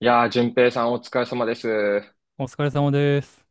いやー、淳平さんお疲れ様です。いお疲れ様です。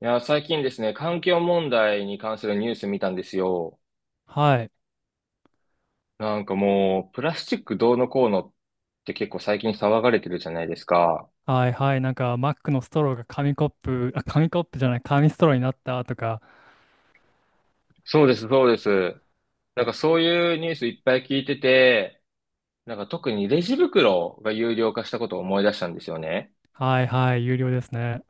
やー、最近ですね、環境問題に関するニュース見たんですよ。はい。なんかもう、プラスチックどうのこうのって結構最近騒がれてるじゃないですか。はいはい。なんか、マックのストローが紙コップ、あ、紙コップじゃない、紙ストローになったとか、そうです、そうです。なんかそういうニュースいっぱい聞いてて、なんか特にレジ袋が有料化したことを思い出したんですよね。はいはい、有料ですね。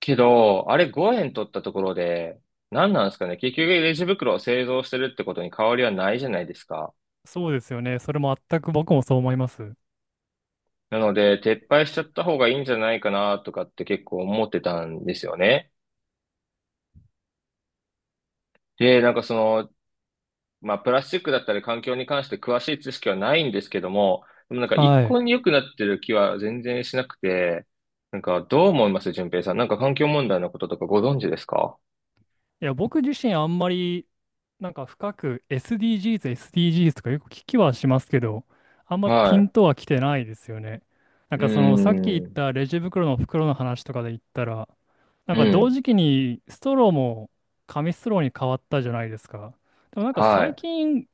けど、あれ5円取ったところで、何なんですかね。結局レジ袋を製造してるってことに変わりはないじゃないですか。そうですよね。それも全く僕もそう思います。なので、撤廃しちゃった方がいいんじゃないかなとかって結構思ってたんですよね。で、なんかまあ、プラスチックだったり環境に関して詳しい知識はないんですけども、でもなんか一はい。向に良くなってる気は全然しなくて、なんかどう思います、順平さん。なんか環境問題のこととかご存知ですか？いや、僕自身あんまり、なんか深く SDGs とかよく聞きはしますけど、あんまピンはとは来てないですよね。なんい。うかその、さっき言っーん。たレジ袋の袋の話とかで言ったら、なんうか同ん。時期にストローも紙ストローに変わったじゃないですか。でもなんかは最い。近、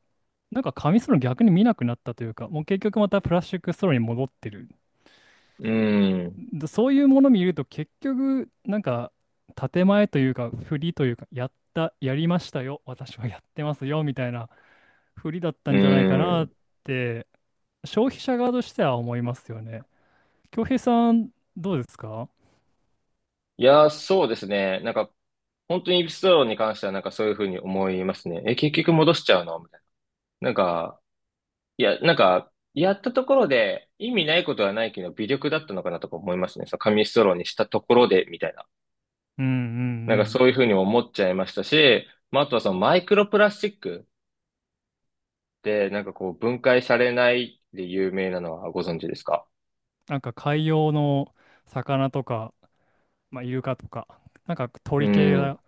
なんか紙ストロー逆に見なくなったというか、もう結局またプラスチックストローに戻ってる。うーん。だそういうもの見ると結局なんか建前というか振りというかやったやりましたよ私はやってますよみたいな振りだっうたんじゃないかーなっん。て消費者側としては思いますよね。恭平さんどうですか？いやー、そうですね。なんか、本当にエピソードに関してはなんかそういうふうに思いますね。え、結局戻しちゃうのみたいな。なんか、いや、なんか、やったところで意味ないことはないけど、微力だったのかなとか思いますね。その紙ストローにしたところで、みたいな。うんうんなんかうそういん。うふうに思っちゃいましたし、まあ、あとはそのマイクロプラスチックでなんかこう分解されないで有名なのはご存知ですか？なんか海洋の魚とか、まあ、イルカとか、なんかう鳥系ん、が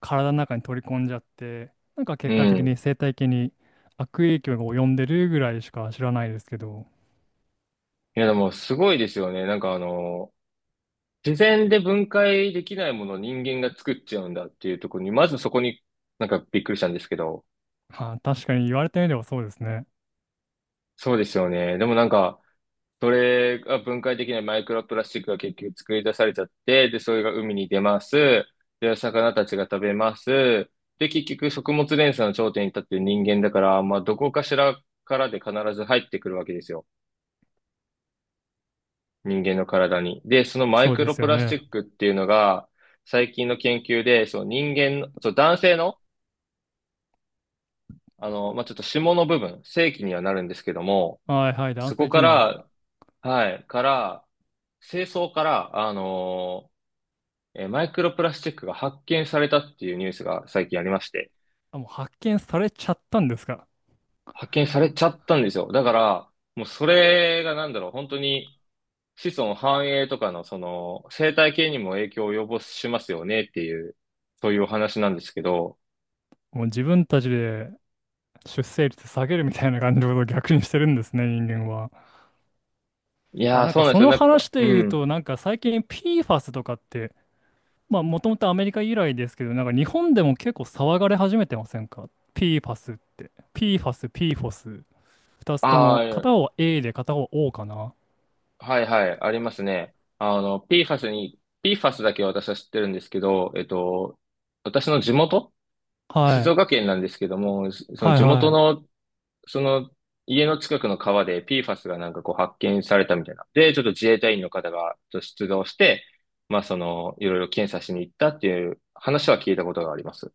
体の中に取り込んじゃって、なんかう結果的にん。生態系に悪影響が及んでるぐらいしか知らないですけど、いや、でもすごいですよね。なんか自然で分解できないものを人間が作っちゃうんだっていうところに、まずそこになんかびっくりしたんですけど、はあ、確かに言われてみればそうですね。そうですよね。でもなんか、それが分解できないマイクロプラスチックが結局作り出されちゃって、で、それが海に出ます。で、魚たちが食べます。で、結局食物連鎖の頂点に立ってる人間だから、まあ、どこかしらからで必ず入ってくるわけですよ。人間の体に。で、そのマイそうクでロすプよラスチね。ックっていうのが、最近の研究で、そう、人間の、そう、男性の、まあ、ちょっと下の部分、性器にはなるんですけども、はいはい、男そこ性か機能。ら、はい、から、精巣から、マイクロプラスチックが発見されたっていうニュースが最近ありまして、あ、もう発見されちゃったんですか。発見されちゃったんですよ。だから、もうそれがなんだろう、本当に子孫繁栄とかのその生態系にも影響を及ぼしますよねっていう、そういうお話なんですけど、もう自分たちで出生率下げるみたいな感じのことを逆にしてるんですね、人間は。いあ、やー、なんそかうなんでそすよ。のなんか、話でう言うん。と、なんか最近 PFAS とかって、まあ、もともとアメリカ由来ですけど、なんか日本でも結構騒がれ始めてませんか？ PFAS って。PFAS、PFOS。二つとあも、片あ、方は A で片方は O かな。はいはい、ありますね。PFAS に、PFAS だけは私は知ってるんですけど、私の地元は静い。岡県なんですけども、そのはい地は元い。のその家の近くの川で PFAS がなんかこう発見されたみたいな。で、ちょっと自衛隊員の方がちょっと出動して、まあその、いろいろ検査しに行ったっていう話は聞いたことがあります。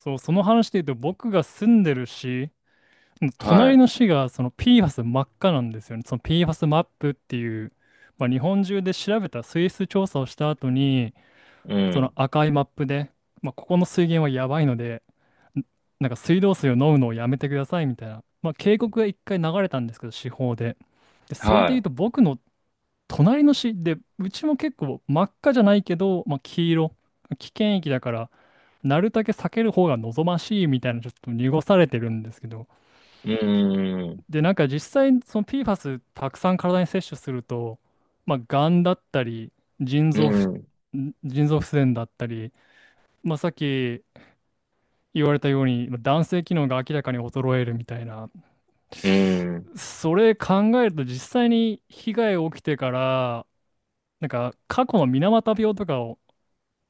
そう、その話で言うと、僕が住んでる市、隣はの市がその PFAS 真っ赤なんですよね。その PFAS マップっていう、まあ、日本中で調べた水質調査をした後に、い。うそのん。赤いマップで、まあ、ここの水源はやばいので、んなんか水道水を飲むのをやめてくださいみたいな、まあ、警告が一回流れたんですけど、司法で。で、それで言うはと僕の隣の市で、うちも結構真っ赤じゃないけど、まあ、黄色、危険域だから、なるだけ避ける方が望ましいみたいな、ちょっと濁されてるんですけど、い。うん。で、なんか実際、その PFAS たくさん体に摂取すると、まあ、がんだったり、腎う臓不、ん。腎臓不全だったり、まあ、さっき言われたように、まあ男性機能が明らかに衰えるみたいな、うん。それ考えると実際に被害が起きてから、なんか過去の水俣病とかを、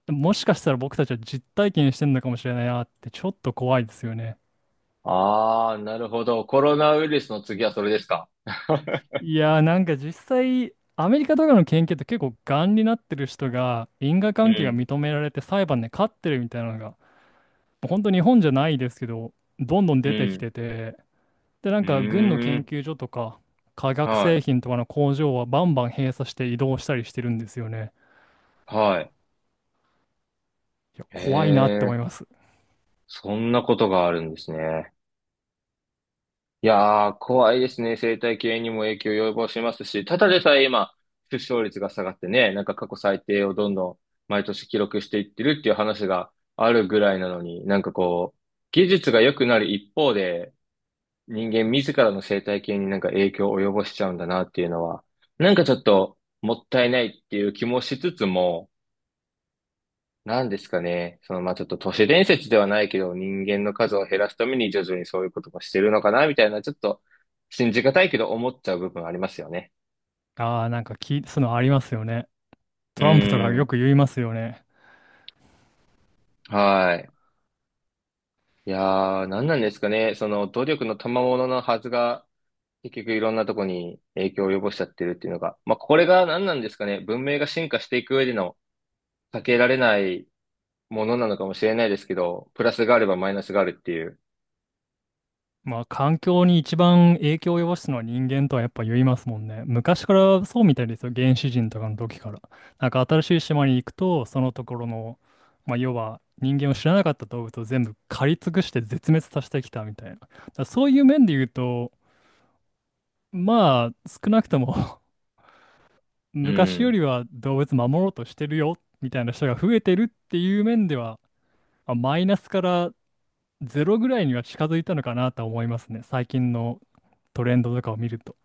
もしかしたら僕たちは実体験してるのかもしれないなってちょっと怖いですよね。ああ、なるほど。コロナウイルスの次はそれですか。いやーなんか実際アメリカとかの研究って結構がんになってる人が因果う関係がん。認められて裁判で勝ってるみたいなのが本当日本じゃないですけどどんどんう出てきん。てて、で、なんうか軍のー研ん。究所とか化学は製品とかの工場はバンバン閉鎖して移動したりしてるんですよね。い。はい。いや、へ怖いなって思え、います。そんなことがあるんですね。いやー、怖いですね。生態系にも影響を及ぼしますし、ただでさえ今、出生率が下がってね、なんか過去最低をどんどん毎年記録していってるっていう話があるぐらいなのに、なんかこう、技術が良くなる一方で、人間自らの生態系になんか影響を及ぼしちゃうんだなっていうのは、なんかちょっともったいないっていう気もしつつも、なんですかね。まあ、ちょっと都市伝説ではないけど、人間の数を減らすために徐々にそういうこともしてるのかな、みたいな、ちょっと信じがたいけど思っちゃう部分ありますよね。ああ、なんか聞い、そういうのありますよね。うトランプとかーよん。く言いますよね。はい。いやー、なんなんですかね。努力の賜物のはずが、結局いろんなとこに影響を及ぼしちゃってるっていうのが、まあ、これが何なんですかね。文明が進化していく上での避けられないものなのかもしれないですけど、プラスがあればマイナスがあるっていう。まあ、環境に一番影響を及ぼすのは人間とはやっぱ言いますもんね。昔からそうみたいですよ。原始人とかの時から。なんか新しい島に行くと、そのところの、まあ、要は人間を知らなかった動物を全部狩り尽くして絶滅させてきたみたいな。だからそういう面で言うと、まあ、少なくとも う昔よん。りは動物守ろうとしてるよ、みたいな人が増えてるっていう面では、まあマイナスからゼロぐらいには近づいたのかなと思いますね。最近のトレンドとかを見ると。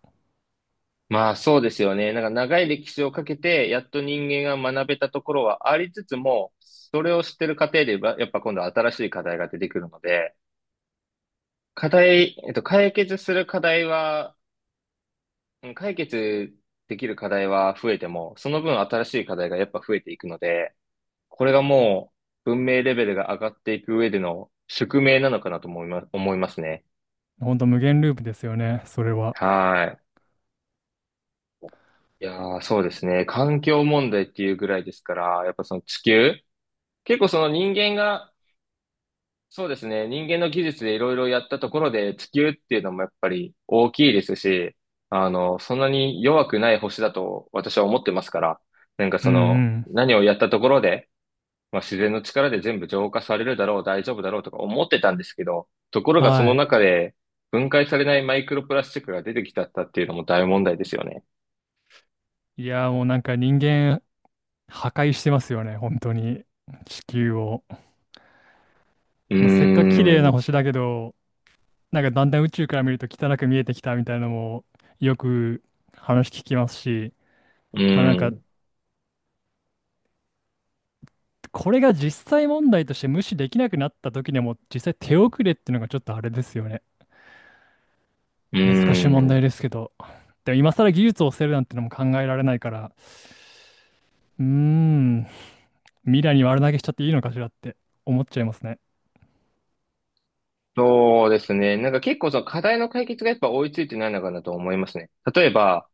まあそうですよね。なんか長い歴史をかけて、やっと人間が学べたところはありつつも、それを知ってる過程でば、やっぱ今度は新しい課題が出てくるので、課題、解決する課題は、うん解決できる課題は増えても、その分新しい課題がやっぱ増えていくので、これがもう文明レベルが上がっていく上での宿命なのかなと思いますね。ほんと無限ループですよね、それは。はい。いやー、そうですね。環境問題っていうぐらいですから、やっぱその地球、結構その人間が、そうですね、人間の技術でいろいろやったところで地球っていうのもやっぱり大きいですし、そんなに弱くない星だと私は思ってますから、なんかうそんうの、ん。何をやったところで、まあ、自然の力で全部浄化されるだろう、大丈夫だろうとか思ってたんですけど、ところがそのは中で分解されないマイクロプラスチックが出てきちゃったっていうのも大問題ですよね。い。いやー、もうなんか人間破壊してますよね、本当に。地球を。うーまあ、せっかく綺麗ん、なう星だけど、なんかだんだん宇宙から見ると汚く見えてきたみたいなのもよく話聞きますし、ーまあなんか、ん、これが実際問題として無視できなくなった時にはもう実際手遅れっていうのがちょっとあれですよね。うー難しい問題ん。ですけど。でも今更技術を捨てるなんてのも考えられないから、うーん、未来に悪投げしちゃっていいのかしらって思っちゃいますね。そうですね。なんか結構その課題の解決がやっぱ追いついてないのかなと思いますね。例えば、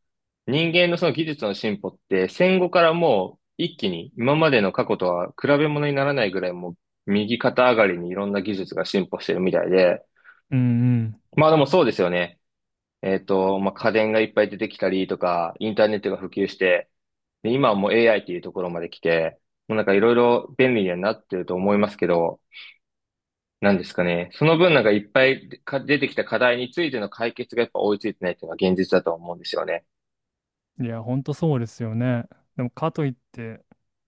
人間のその技術の進歩って戦後からもう一気に今までの過去とは比べ物にならないぐらいもう右肩上がりにいろんな技術が進歩してるみたいで。うんまあでもそうですよね。まあ家電がいっぱい出てきたりとか、インターネットが普及して、で今はもう AI っていうところまで来て、もうなんかいろいろ便利にはなってると思いますけど、なんですかね。その分なんかいっぱいか出てきた課題についての解決がやっぱ追いついてないっていうのが現実だと思うんですよね。うん。いや、ほんとそうですよね。でもかといって、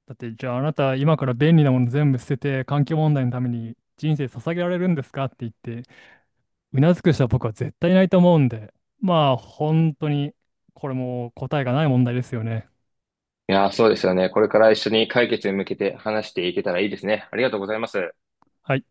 だってじゃああなた今から便利なもの全部捨てて環境問題のために人生捧げられるんですかって言ってうなずく人は僕は絶対いないと思うんで、まあ本当にこれも答えがない問題ですよね。いやー、そうですよね。これから一緒に解決に向けて話していけたらいいですね。ありがとうございます。はい。